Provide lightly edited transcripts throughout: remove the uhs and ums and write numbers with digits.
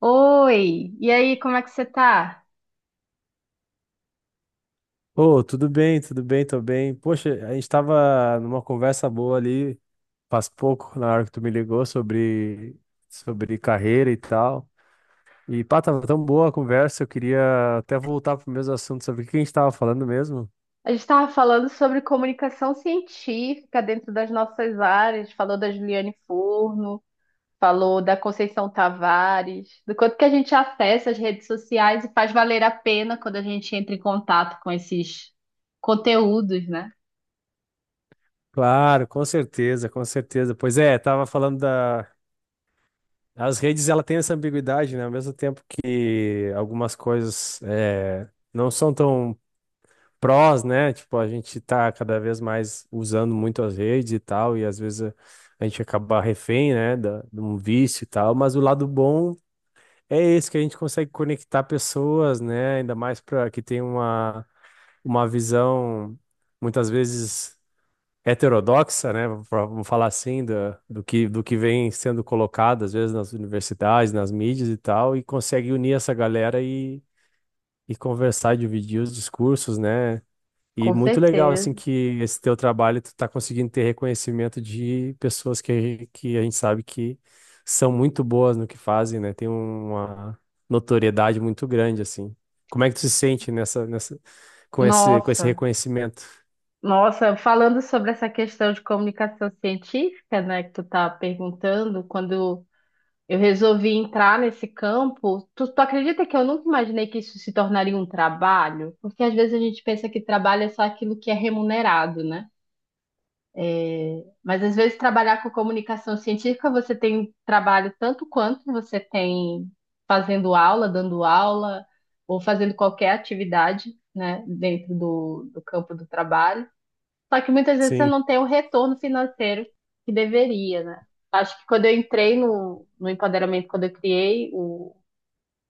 Oi, e aí, como é que você tá? Ô, tudo bem, tô bem. Poxa, a gente tava numa conversa boa ali faz pouco, na hora que tu me ligou, sobre carreira e tal. E pá, tava tão boa a conversa, eu queria até voltar pro mesmo assunto sobre o que a gente tava falando mesmo. A gente estava falando sobre comunicação científica dentro das nossas áreas, falou da Juliane Furno, falou da Conceição Tavares, do quanto que a gente acessa as redes sociais e faz valer a pena quando a gente entra em contato com esses conteúdos, né? Claro, com certeza, com certeza. Pois é, tava falando da. As redes, ela tem essa ambiguidade, né? Ao mesmo tempo que algumas coisas não são tão prós, né? Tipo, a gente tá cada vez mais usando muito as redes e tal, e às vezes a gente acaba refém, né, da, de um vício e tal, mas o lado bom é esse, que a gente consegue conectar pessoas, né? Ainda mais para que tem uma visão muitas vezes heterodoxa, né? Vamos falar assim, do, do que vem sendo colocado às vezes nas universidades, nas mídias e tal, e consegue unir essa galera e conversar, dividir os discursos, né? E Com muito legal, certeza. assim, que esse teu trabalho tu tá conseguindo ter reconhecimento de pessoas que a gente sabe que são muito boas no que fazem, né? Tem uma notoriedade muito grande, assim. Como é que tu se sente com com esse Nossa, reconhecimento? nossa, falando sobre essa questão de comunicação científica, né, que tu tá perguntando, quando eu resolvi entrar nesse campo. Tu acredita que eu nunca imaginei que isso se tornaria um trabalho? Porque às vezes a gente pensa que trabalho é só aquilo que é remunerado, né? Mas às vezes trabalhar com comunicação científica, você tem trabalho tanto quanto você tem fazendo aula, dando aula, ou fazendo qualquer atividade, né, dentro do campo do trabalho. Só que muitas vezes você Sim, não tem o retorno financeiro que deveria, né? Acho que quando eu entrei no empoderamento, quando eu criei o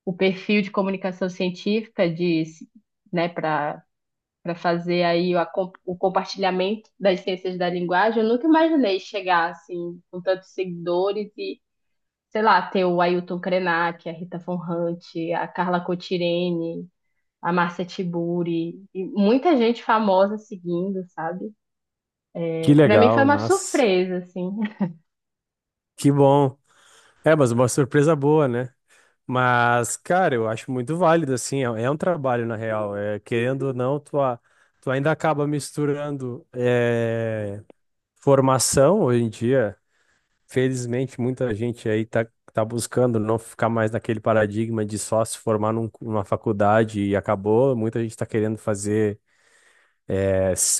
o perfil de comunicação científica de, né, para fazer aí o, o compartilhamento das ciências da linguagem, eu nunca imaginei chegar assim com tantos seguidores e, sei lá, ter o Ailton Krenak, a Rita Von Hunt, a Carla Cotirene, a Márcia Tiburi, e muita gente famosa seguindo, sabe? que Para mim foi legal, uma nossa, surpresa, assim. que bom. É, mas uma surpresa boa, né? Mas, cara, eu acho muito válido, assim, é um trabalho, na real. É, querendo ou não, tu ainda acaba misturando formação hoje em dia. Felizmente, muita gente aí tá buscando não ficar mais naquele paradigma de só se formar numa faculdade e acabou. Muita gente tá querendo fazer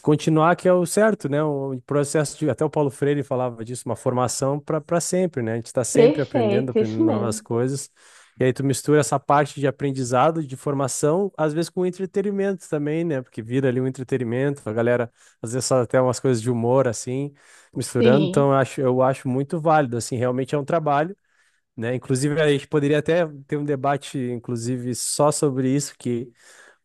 continuar que é o certo, né? O processo de, até o Paulo Freire falava disso, uma formação para sempre, né? A gente está sempre aprendendo, Perfeito, isso aprendendo novas mesmo. coisas. E aí tu mistura essa parte de aprendizado, de formação, às vezes com entretenimento também, né? Porque vira ali um entretenimento, a galera às vezes faz até umas coisas de humor assim, misturando. Então Sim, eu acho muito válido, assim, realmente é um trabalho, né? Inclusive a gente poderia até ter um debate, inclusive, só sobre isso, que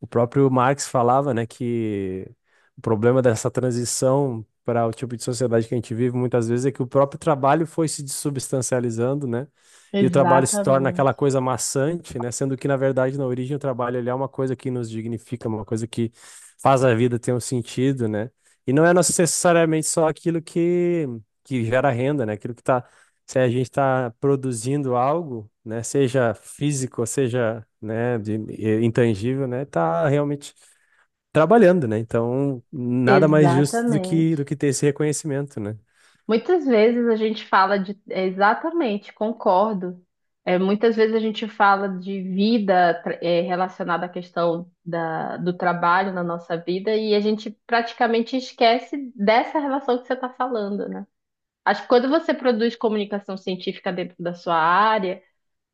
o próprio Marx falava, né, que o problema dessa transição para o tipo de sociedade que a gente vive muitas vezes é que o próprio trabalho foi se dessubstancializando, né? E o trabalho se torna aquela exatamente. coisa maçante, né? Sendo que, na verdade, na origem, o trabalho ele é uma coisa que nos dignifica, uma coisa que faz a vida ter um sentido, né? E não é necessariamente só aquilo que gera renda, né? Aquilo que está se a gente está produzindo algo, né, seja físico, seja, né, intangível, né, tá realmente trabalhando, né? Então, nada mais justo do que Exatamente. Ter esse reconhecimento, né? Muitas vezes a gente fala de. Exatamente, concordo. É, muitas vezes a gente fala de vida relacionada à questão da, do trabalho na nossa vida e a gente praticamente esquece dessa relação que você está falando, né? Acho que quando você produz comunicação científica dentro da sua área,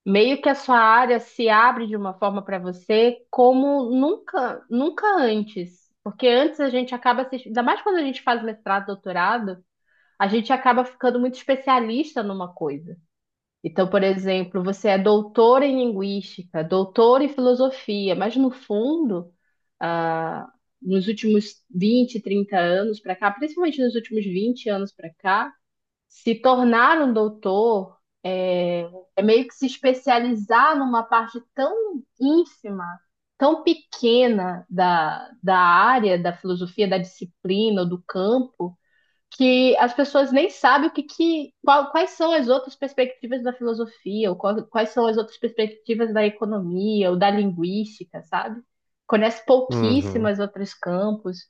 meio que a sua área se abre de uma forma para você como nunca, nunca antes. Porque antes a gente acaba se, ainda mais quando a gente faz mestrado, doutorado, a gente acaba ficando muito especialista numa coisa. Então, por exemplo, você é doutor em linguística, doutor em filosofia, mas no fundo, ah, nos últimos 20, 30 anos para cá, principalmente nos últimos 20 anos para cá, se tornar um doutor é, é meio que se especializar numa parte tão ínfima, tão pequena da área, da filosofia, da disciplina ou do campo, que as pessoas nem sabem o que, que qual- quais são as outras perspectivas da filosofia, ou quais são as outras perspectivas da economia ou da linguística, sabe? Conhece Uhum. pouquíssimas outros campos.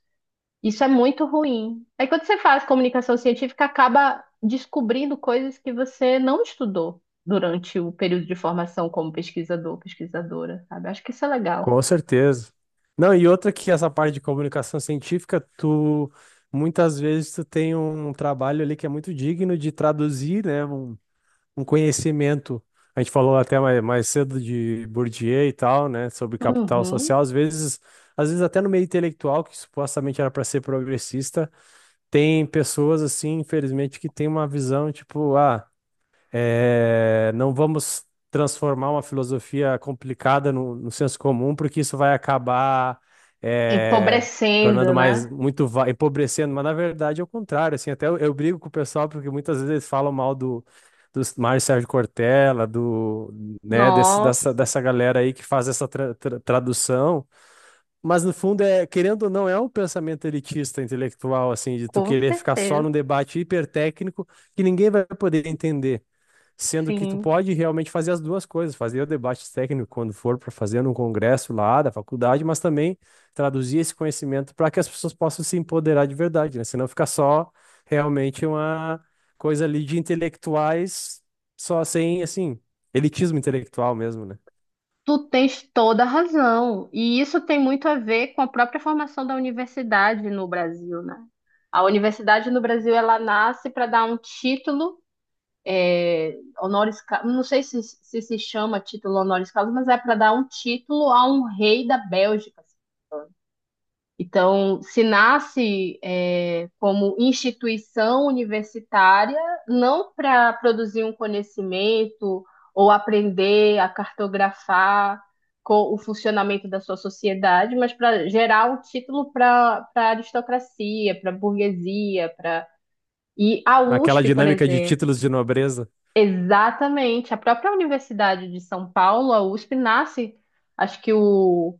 Isso é muito ruim. Aí quando você faz comunicação científica, acaba descobrindo coisas que você não estudou durante o período de formação como pesquisador, pesquisadora, sabe? Acho que isso é legal. Com certeza. Não, e outra que essa parte de comunicação científica, tu muitas vezes tu tem um trabalho ali que é muito digno de traduzir, né, um conhecimento. A gente falou até mais cedo de Bourdieu e tal, né, sobre capital Uhum. social. Às vezes até no meio intelectual, que supostamente era para ser progressista, tem pessoas assim, infelizmente, que tem uma visão tipo, ah, é, não vamos transformar uma filosofia complicada no senso comum, porque isso vai acabar é, Empobrecendo, tornando mais né? Empobrecendo, mas na verdade é o contrário. Assim, eu brigo com o pessoal porque muitas vezes eles falam mal do, do Mário Sérgio Cortella, do, né, Nossa, dessa galera aí que faz essa tradução. Mas no fundo é, querendo ou não, é um pensamento elitista intelectual, assim, de tu com querer ficar só num certeza. debate hipertécnico que ninguém vai poder entender. Sendo que tu Sim. pode realmente fazer as duas coisas, fazer o debate técnico quando for para fazer num congresso lá da faculdade, mas também traduzir esse conhecimento para que as pessoas possam se empoderar de verdade, né? Senão fica só realmente uma coisa ali de intelectuais, só sem, assim, elitismo intelectual mesmo, né? Tu tens toda a razão. E isso tem muito a ver com a própria formação da universidade no Brasil, né? A universidade no Brasil, ela nasce para dar um título é, honoris causa, não sei se se chama título honoris causa, mas é para dar um título a um rei da Bélgica, assim. Então, se nasce, como instituição universitária, não para produzir um conhecimento ou aprender a cartografar o funcionamento da sua sociedade, mas para gerar um título para a aristocracia, para a burguesia, para e a Naquela USP, por dinâmica de exemplo. títulos de nobreza. Exatamente, a própria Universidade de São Paulo, a USP, nasce, acho que o,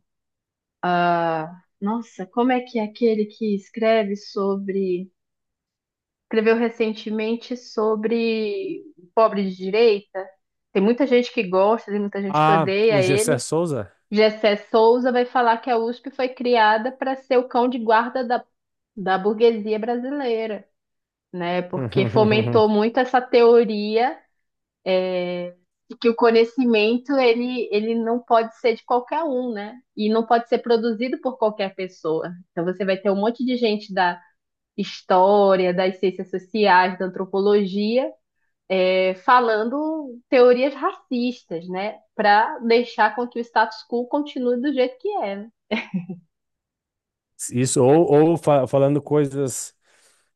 nossa, como é que é aquele que escreve sobre, escreveu recentemente sobre o pobre de direita? Tem muita gente que gosta, tem muita gente que Ah, odeia o Gessé ele. Souza? Gessé Souza vai falar que a USP foi criada para ser o cão de guarda da, da burguesia brasileira, né? Porque fomentou muito essa teoria de que o conhecimento ele não pode ser de qualquer um, né? E não pode ser produzido por qualquer pessoa. Então você vai ter um monte de gente da história, das ciências sociais, da antropologia, falando teorias racistas, né? Para deixar com que o status quo continue do jeito que é, né? Isso, ou falando coisas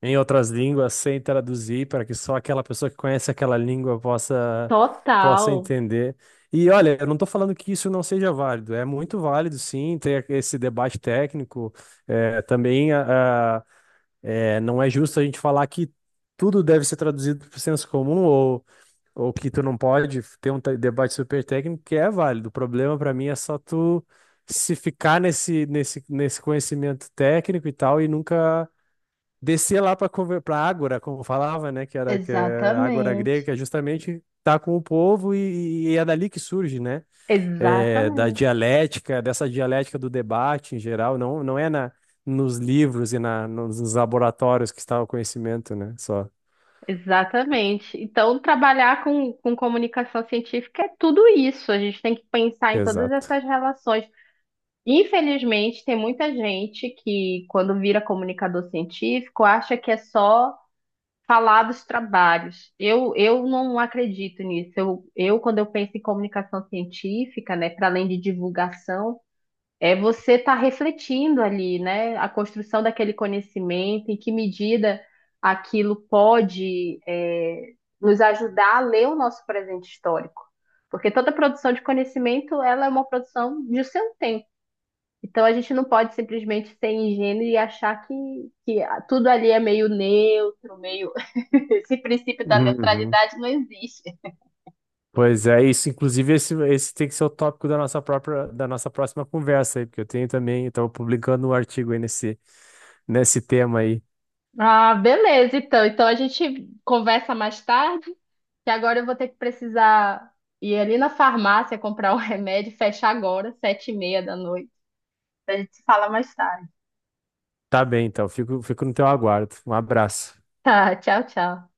em outras línguas sem traduzir, para que só aquela pessoa que conhece aquela língua possa Total. entender. E olha, eu não estou falando que isso não seja válido, é muito válido sim ter esse debate técnico. É, também não é justo a gente falar que tudo deve ser traduzido para o senso comum ou que tu não pode ter um debate super técnico que é válido. O problema para mim é só tu se ficar nesse conhecimento técnico e tal e nunca descer lá para ágora, como falava, né, que é ágora grega, Exatamente. que é justamente estar com o povo e é dali que surge, né? É, da Exatamente, dialética, dessa dialética do debate em geral, não é na nos livros e nos laboratórios que está o conhecimento, né? Só. exatamente. Então, trabalhar com comunicação científica é tudo isso. A gente tem que pensar em todas Exato. essas relações. Infelizmente, tem muita gente que, quando vira comunicador científico, acha que é só falar dos trabalhos. Eu não acredito nisso. Quando eu penso em comunicação científica, né, para além de divulgação, é você estar refletindo ali, né, a construção daquele conhecimento, em que medida aquilo pode, nos ajudar a ler o nosso presente histórico. Porque toda produção de conhecimento, ela é uma produção de seu tempo. Então a gente não pode simplesmente ser ingênuo e achar que tudo ali é meio neutro, meio. Esse princípio da Uhum. neutralidade não existe. Pois é, isso. Inclusive, esse tem que ser o tópico da nossa própria, da nossa próxima conversa aí, porque eu tenho também, eu estava publicando um artigo aí nesse tema aí. Ah, beleza, então. Então a gente conversa mais tarde, que agora eu vou ter que precisar ir ali na farmácia comprar um remédio, fecha agora, 19:30 da noite. A gente se fala mais tarde. Tá bem, então. Fico no teu aguardo. Um abraço. Tá, tchau, tchau.